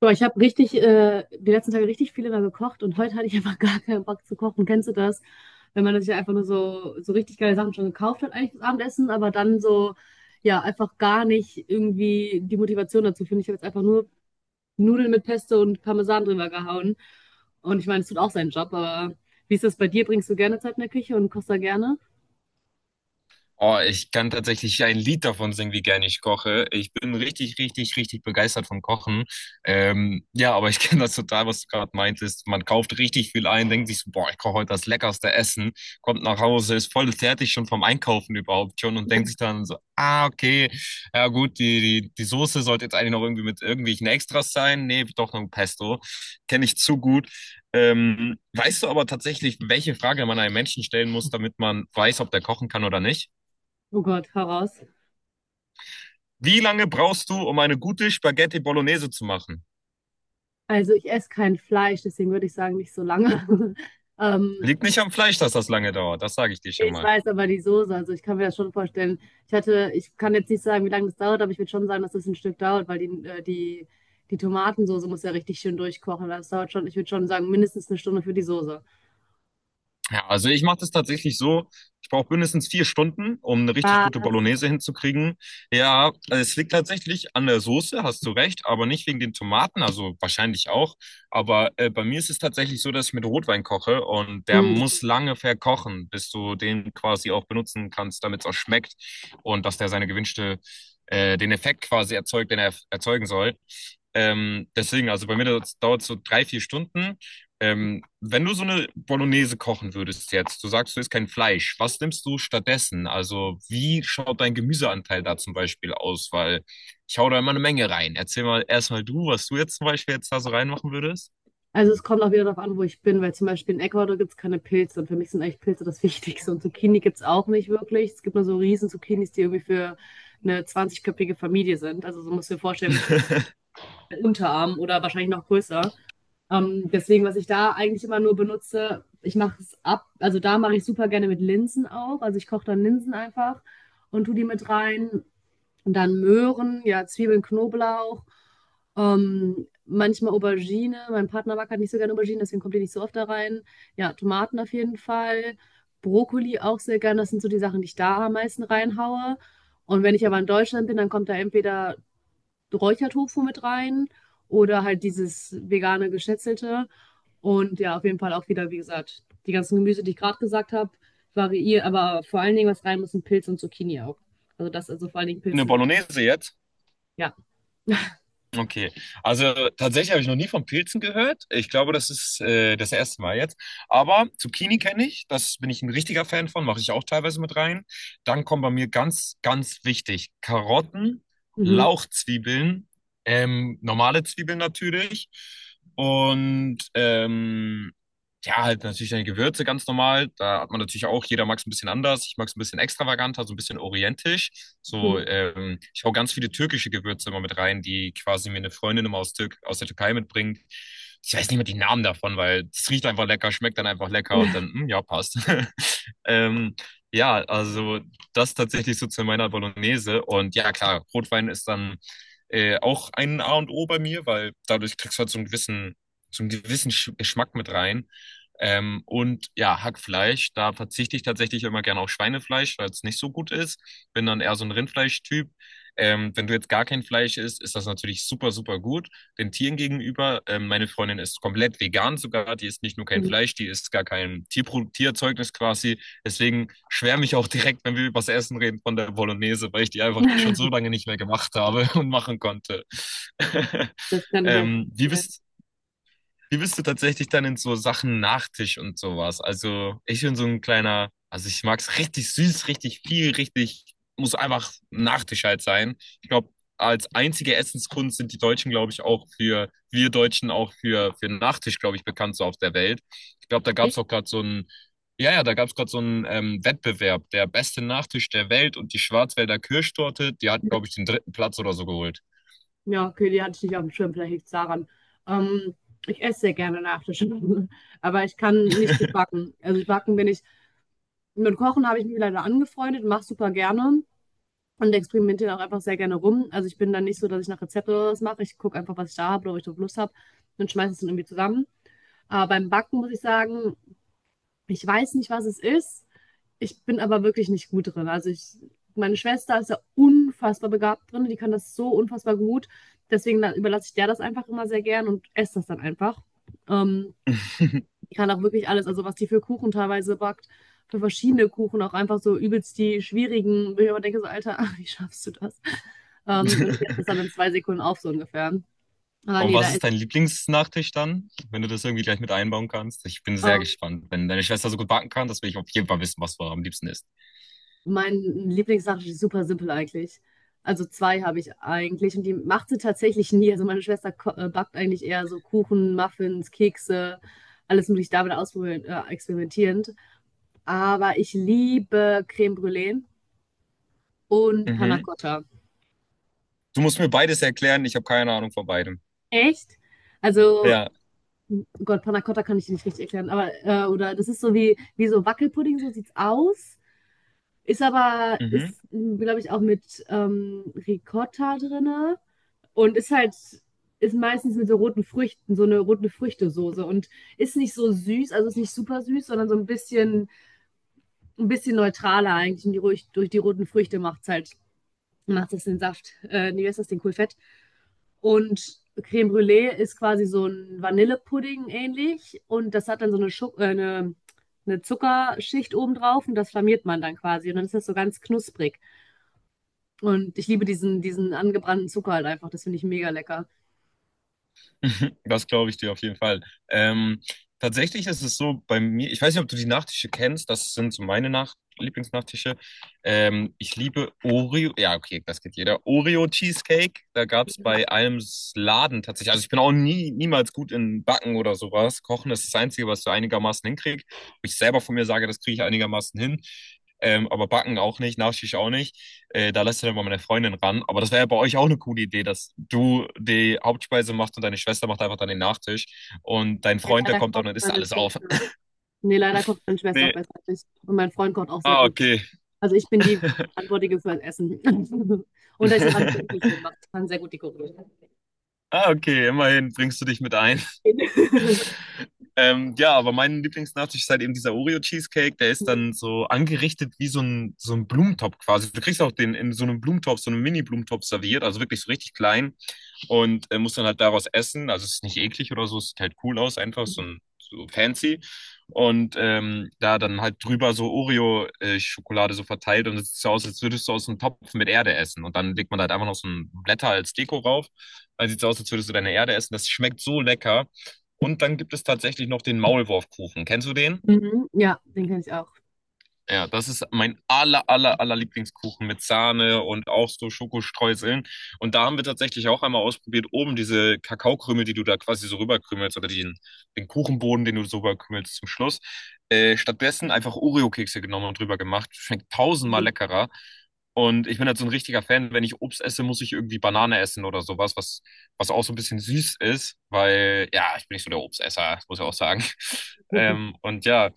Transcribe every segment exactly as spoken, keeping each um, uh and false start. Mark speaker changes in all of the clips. Speaker 1: Boah, ich habe richtig, äh, die letzten Tage richtig viel immer gekocht und heute hatte ich einfach gar keinen Bock zu kochen. Kennst du das? Wenn man sich einfach nur so, so richtig geile Sachen schon gekauft hat, eigentlich das Abendessen, aber dann so, ja, einfach gar nicht irgendwie die Motivation dazu finde. Ich habe jetzt einfach nur Nudeln mit Pesto und Parmesan drüber gehauen. Und ich meine, es tut auch seinen Job, aber wie ist das bei dir? Bringst du gerne Zeit in der Küche und kochst da gerne?
Speaker 2: Oh, ich kann tatsächlich ein Lied davon singen, wie gerne ich koche. Ich bin richtig, richtig, richtig begeistert vom Kochen. Ähm, ja, aber ich kenne das total, was du gerade meintest. Man kauft richtig viel ein, denkt sich so, boah, ich koche heute das leckerste Essen, kommt nach Hause, ist voll fertig schon vom Einkaufen überhaupt schon und denkt sich dann so, ah, okay, ja gut, die, die, die Soße sollte jetzt eigentlich noch irgendwie mit irgendwelchen Extras sein. Nee, doch noch ein Pesto. Kenne ich zu gut. Ähm, weißt du aber tatsächlich, welche Frage man einem Menschen stellen muss, damit man weiß, ob der kochen kann oder nicht?
Speaker 1: Oh Gott, hau raus.
Speaker 2: Wie lange brauchst du, um eine gute Spaghetti Bolognese zu machen?
Speaker 1: Also ich esse kein Fleisch, deswegen würde ich sagen, nicht so lange. Ähm,
Speaker 2: Liegt nicht am Fleisch, dass das lange dauert. Das sage ich dir schon
Speaker 1: Ich
Speaker 2: mal.
Speaker 1: weiß aber die Soße, also ich kann mir das schon vorstellen. Ich hatte, ich kann jetzt nicht sagen, wie lange das dauert, aber ich würde schon sagen, dass das ein Stück dauert, weil die, äh, die, die Tomatensoße muss ja richtig schön durchkochen. Das dauert schon, ich würde schon sagen, mindestens eine Stunde für die Soße.
Speaker 2: Ja, also ich mache das tatsächlich so. Ich brauche mindestens vier Stunden, um eine richtig gute
Speaker 1: Was?
Speaker 2: Bolognese hinzukriegen. Ja, es liegt tatsächlich an der Soße, hast du recht, aber nicht wegen den Tomaten, also wahrscheinlich auch. Aber äh, bei mir ist es tatsächlich so, dass ich mit Rotwein koche und der
Speaker 1: Hm.
Speaker 2: muss lange verkochen, bis du den quasi auch benutzen kannst, damit es auch schmeckt und dass der seine gewünschte, äh, den Effekt quasi erzeugt, den er erzeugen soll. Ähm, deswegen, also bei mir dauert es so drei, vier Stunden. Ähm, wenn du so eine Bolognese kochen würdest jetzt, du sagst, du isst kein Fleisch, was nimmst du stattdessen? Also, wie schaut dein Gemüseanteil da zum Beispiel aus? Weil ich hau da immer eine Menge rein. Erzähl mal erstmal du, was du jetzt zum Beispiel jetzt da so reinmachen würdest.
Speaker 1: Also es kommt auch wieder darauf an, wo ich bin, weil zum Beispiel in Ecuador gibt es keine Pilze und für mich sind eigentlich Pilze das Wichtigste. Und Zucchini gibt es auch nicht wirklich. Es gibt nur so riesen Zucchinis, die irgendwie für eine zwanzig-köpfige Familie sind. Also so musst du dir vorstellen, wie wirklich ein Unterarm oder wahrscheinlich noch größer. Ähm, deswegen, was ich da eigentlich immer nur benutze, ich mache es ab, also da mache ich super gerne mit Linsen auch. Also ich koche dann Linsen einfach und tue die mit rein. Und dann Möhren, ja, Zwiebeln, Knoblauch, ähm, manchmal Aubergine. Mein Partner mag halt nicht so gerne Aubergine, deswegen kommt die nicht so oft da rein. Ja, Tomaten auf jeden Fall. Brokkoli auch sehr gerne. Das sind so die Sachen, die ich da am meisten reinhaue. Und wenn ich aber in Deutschland bin, dann kommt da entweder Räuchertofu mit rein oder halt dieses vegane Geschnetzelte. Und ja, auf jeden Fall auch wieder, wie gesagt, die ganzen Gemüse, die ich gerade gesagt habe, variieren, aber vor allen Dingen, was rein muss, sind Pilze und Zucchini auch. Also das, also vor allen Dingen
Speaker 2: Eine
Speaker 1: Pilze,
Speaker 2: Bolognese jetzt?
Speaker 1: ja.
Speaker 2: Okay, also tatsächlich habe ich noch nie von Pilzen gehört. Ich glaube, das ist äh, das erste Mal jetzt. Aber Zucchini kenne ich, das bin ich ein richtiger Fan von, mache ich auch teilweise mit rein. Dann kommen bei mir ganz, ganz wichtig Karotten,
Speaker 1: Mhm.
Speaker 2: Lauchzwiebeln, ähm, normale Zwiebeln natürlich und ähm, ja, halt natürlich deine Gewürze ganz normal. Da hat man natürlich auch, jeder mag es ein bisschen anders. Ich mag es ein bisschen extravaganter, so ein bisschen orientisch. So,
Speaker 1: Mhm.
Speaker 2: ähm, ich hau ganz viele türkische Gewürze immer mit rein, die quasi mir eine Freundin immer aus, Türk aus der Türkei mitbringt. Ich weiß nicht mehr die Namen davon, weil es riecht einfach lecker, schmeckt dann einfach lecker und dann, hm, ja, passt. Ähm, ja, also das tatsächlich so zu meiner Bolognese. Und ja, klar, Rotwein ist dann äh, auch ein A und O bei mir, weil dadurch kriegst du halt so einen gewissen, so einen gewissen Sch- Geschmack mit rein. Ähm, und ja, Hackfleisch, da verzichte ich tatsächlich immer gerne auf Schweinefleisch, weil es nicht so gut ist. Bin dann eher so ein Rindfleischtyp. Ähm, wenn du jetzt gar kein Fleisch isst, ist das natürlich super, super gut den Tieren gegenüber. Ähm, meine Freundin ist komplett vegan sogar, die isst nicht nur kein
Speaker 1: Mhm.
Speaker 2: Fleisch, die isst gar kein Tierpro Tierzeugnis quasi. Deswegen schwärme ich auch direkt, wenn wir über das Essen reden, von der Bolognese, weil ich die einfach schon so lange nicht mehr gemacht habe und machen konnte.
Speaker 1: Das kann ich mir
Speaker 2: Ähm, wie
Speaker 1: vorstellen.
Speaker 2: bist wie bist du tatsächlich dann in so Sachen Nachtisch und sowas? Also ich bin so ein kleiner, also ich mag's richtig süß, richtig viel, richtig, muss einfach Nachtisch halt sein. Ich glaube, als einzige Essenskunst sind die Deutschen, glaube ich, auch für, wir Deutschen auch für, für Nachtisch, glaube ich, bekannt so auf der Welt. Ich glaube, da gab's auch gerade so ein, ja, ja, da gab's gerade so einen ähm, Wettbewerb, der beste Nachtisch der Welt und die Schwarzwälder Kirschtorte, die hat, glaube ich, den dritten Platz oder so geholt.
Speaker 1: Ja, okay, die hatte ich nicht auf dem Schirm, vielleicht liegt es daran. Ähm, ich esse sehr gerne Nachtisch, aber ich kann nicht gut backen. Also backen bin ich, mit Kochen habe ich mich leider angefreundet, mache super gerne. Und experimentiere auch einfach sehr gerne rum. Also ich bin dann nicht so, dass ich nach Rezept oder was mache. Ich gucke einfach, was ich da habe oder ob ich drauf Lust habe und schmeiße es dann irgendwie zusammen. Aber beim Backen muss ich sagen, ich weiß nicht, was es ist. Ich bin aber wirklich nicht gut drin. Also ich, meine Schwester ist ja unfassbar begabt drin. Die kann das so unfassbar gut. Deswegen la- überlasse ich der das einfach immer sehr gern und esse das dann einfach. Ähm, die kann auch wirklich alles, also was die für Kuchen teilweise backt, für verschiedene Kuchen, auch einfach so übelst die schwierigen, wo ich immer denke, so, Alter, wie schaffst du das? Ähm, und ich esse das dann in zwei Sekunden auf, so ungefähr. Aber
Speaker 2: Und
Speaker 1: nee, da
Speaker 2: was ist
Speaker 1: ist
Speaker 2: dein Lieblingsnachtisch dann, wenn du das irgendwie gleich mit einbauen kannst? Ich bin sehr
Speaker 1: ähm,
Speaker 2: gespannt. Wenn deine Schwester so gut backen kann, das will ich auf jeden Fall wissen, was du am liebsten isst.
Speaker 1: mein Lieblingssache ist super simpel eigentlich. Also zwei habe ich eigentlich und die macht sie tatsächlich nie. Also meine Schwester ko- äh, backt eigentlich eher so Kuchen, Muffins, Kekse, alles mögliche damit ausprobieren, äh, experimentierend. Aber ich liebe Creme Brûlée und Panna
Speaker 2: Mhm.
Speaker 1: Cotta.
Speaker 2: Du musst mir beides erklären, ich habe keine Ahnung von beidem.
Speaker 1: Echt? Also,
Speaker 2: Ja.
Speaker 1: Gott, Panna Cotta kann ich dir nicht richtig erklären, aber, äh, oder das ist so wie, wie so Wackelpudding, so sieht's aus. Ist aber, ist,
Speaker 2: Mhm.
Speaker 1: glaube ich, auch mit ähm, Ricotta drinne und ist halt, ist meistens mit so roten Früchten, so eine rote Früchtesoße und ist nicht so süß, also ist nicht super süß, sondern so ein bisschen, ein bisschen neutraler eigentlich und die, ruhig durch die roten Früchte macht's halt, macht es den Saft, äh, nee, wie heißt das, den Kohlfett. Und Creme Brûlée ist quasi so ein Vanillepudding ähnlich und das hat dann so eine, Schu äh, eine, eine Zuckerschicht obendrauf und das flammiert man dann quasi und dann ist das so ganz knusprig. Und ich liebe diesen, diesen angebrannten Zucker halt einfach, das finde ich mega lecker.
Speaker 2: Das glaube ich dir auf jeden Fall. Ähm, Tatsächlich ist es so bei mir, ich weiß nicht, ob du die Nachtische kennst, das sind so meine Nach Lieblingsnachtische. Ähm, ich liebe Oreo, ja, okay, das geht jeder. Oreo Cheesecake, da gab es bei einem S- Laden tatsächlich, also ich bin auch nie, niemals gut in Backen oder sowas. Kochen ist das Einzige, was du einigermaßen hinkriegst. Wo ich selber von mir sage, das kriege ich einigermaßen hin. Ähm, aber Backen auch nicht, Nachtisch auch nicht. Äh, da lässt du dann mal meine Freundin ran. Aber das wäre ja bei euch auch eine coole Idee, dass du die Hauptspeise machst und deine Schwester macht einfach dann den Nachtisch. Und dein
Speaker 1: Ja,
Speaker 2: Freund, der
Speaker 1: Leider
Speaker 2: kommt dann
Speaker 1: kocht
Speaker 2: und isst
Speaker 1: meine
Speaker 2: alles auf.
Speaker 1: Schwester. Nee, leider kocht meine Schwester auch
Speaker 2: Nee.
Speaker 1: besser als ich. Und mein Freund kocht auch sehr
Speaker 2: Ah,
Speaker 1: gut.
Speaker 2: okay.
Speaker 1: Also ich bin die Verantwortliche für das Essen. Und da ich das Ambiente schön mache, das kann sehr gut dekorieren.
Speaker 2: Ah, okay, immerhin bringst du dich mit ein. Ähm, ja, aber mein Lieblingsnachtisch ist halt eben dieser Oreo-Cheesecake. Der ist dann so angerichtet wie so ein, so ein Blumentopf quasi. Du kriegst auch den in so einem Blumentopf, so einem Mini-Blumentopf serviert, also wirklich so richtig klein. Und äh, muss dann halt daraus essen. Also es ist nicht eklig oder so, es sieht halt cool aus, einfach so, ein, so fancy. Und ähm, da dann halt drüber so Oreo-Schokolade so verteilt und es sieht so aus, als würdest du aus einem Topf mit Erde essen. Und dann legt man da halt einfach noch so ein Blätter als Deko rauf. Dann sieht es aus, als würdest du deine Erde essen. Das schmeckt so lecker. Und dann gibt es tatsächlich noch den Maulwurfkuchen. Kennst du den?
Speaker 1: Mhm, ja, den kenne ich auch.
Speaker 2: Ja, das ist mein aller, aller, aller Lieblingskuchen mit Sahne und auch so Schokostreuseln. Und da haben wir tatsächlich auch einmal ausprobiert, oben diese Kakaokrümel, die du da quasi so rüberkrümelst oder den, den Kuchenboden, den du so rüberkrümelst zum Schluss. Äh, stattdessen einfach Oreo-Kekse genommen und drüber gemacht. Schmeckt tausendmal leckerer. Und ich bin halt so ein richtiger Fan, wenn ich Obst esse, muss ich irgendwie Banane essen oder sowas, was, was auch so ein bisschen süß ist, weil ja, ich bin nicht so der Obstesser, muss ich auch sagen. Ähm, und ja.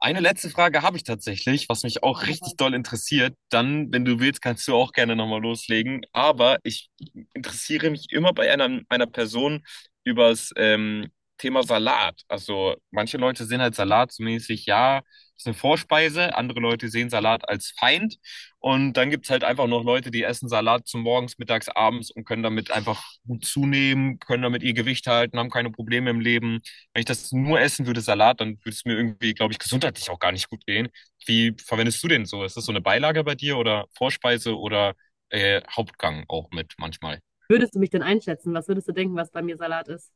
Speaker 2: Eine letzte Frage habe ich tatsächlich, was mich auch richtig doll interessiert. Dann, wenn du willst, kannst du auch gerne nochmal loslegen. Aber ich interessiere mich immer bei einer, einer Person übers ähm, Thema Salat. Also manche Leute sehen halt Salat so mäßig, ja, ist eine Vorspeise. Andere Leute sehen Salat als Feind. Und dann gibt es halt einfach noch Leute, die essen Salat zum Morgens, Mittags, Abends und können damit einfach gut zunehmen, können damit ihr Gewicht halten, haben keine Probleme im Leben. Wenn ich das nur essen würde, Salat, dann würde es mir irgendwie, glaube ich, gesundheitlich auch gar nicht gut gehen. Wie verwendest du den so? Ist das so eine Beilage bei dir oder Vorspeise oder äh, Hauptgang auch mit manchmal?
Speaker 1: Würdest du mich denn einschätzen? Was würdest du denken, was bei mir Salat ist?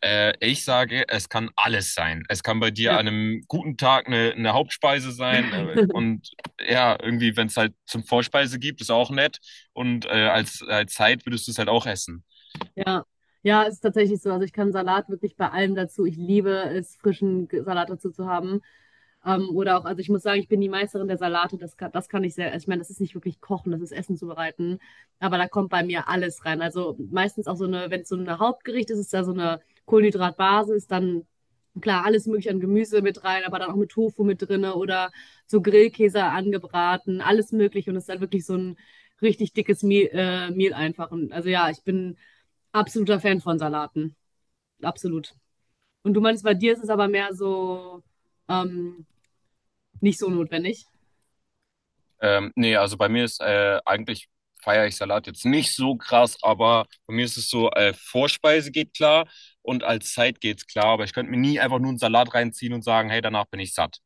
Speaker 2: Äh, ich sage, es kann alles sein. Es kann bei dir
Speaker 1: Ja.
Speaker 2: an einem guten Tag eine, eine Hauptspeise sein. Äh, und ja, irgendwie, wenn es halt zum Vorspeise gibt, ist auch nett. Und äh, als, als Zeit würdest du es halt auch essen.
Speaker 1: Ja, ja, ist tatsächlich so. Also ich kann Salat wirklich bei allem dazu. Ich liebe es, frischen G- Salat dazu zu haben. Ähm, oder auch, also ich muss sagen, ich bin die Meisterin der Salate. Das kann, das kann ich sehr, ich meine, das ist nicht wirklich kochen, das ist Essen zubereiten. Aber da kommt bei mir alles rein. Also meistens auch so eine, wenn es so ein Hauptgericht ist, ist da so eine Kohlenhydratbasis, dann klar, alles mögliche an Gemüse mit rein, aber dann auch mit Tofu mit drinne oder so Grillkäse angebraten, alles mögliche. Und es ist dann wirklich so ein richtig dickes Mehl, äh, Mehl einfach. Und also ja, ich bin absoluter Fan von Salaten. Absolut. Und du meinst, bei dir ist es aber mehr so ähm, nicht so notwendig.
Speaker 2: Ähm, nee, also bei mir ist äh, eigentlich feiere ich Salat jetzt nicht so krass, aber bei mir ist es so, äh, Vorspeise geht klar und als Zeit geht's klar, aber ich könnte mir nie einfach nur einen Salat reinziehen und sagen, hey, danach bin ich satt.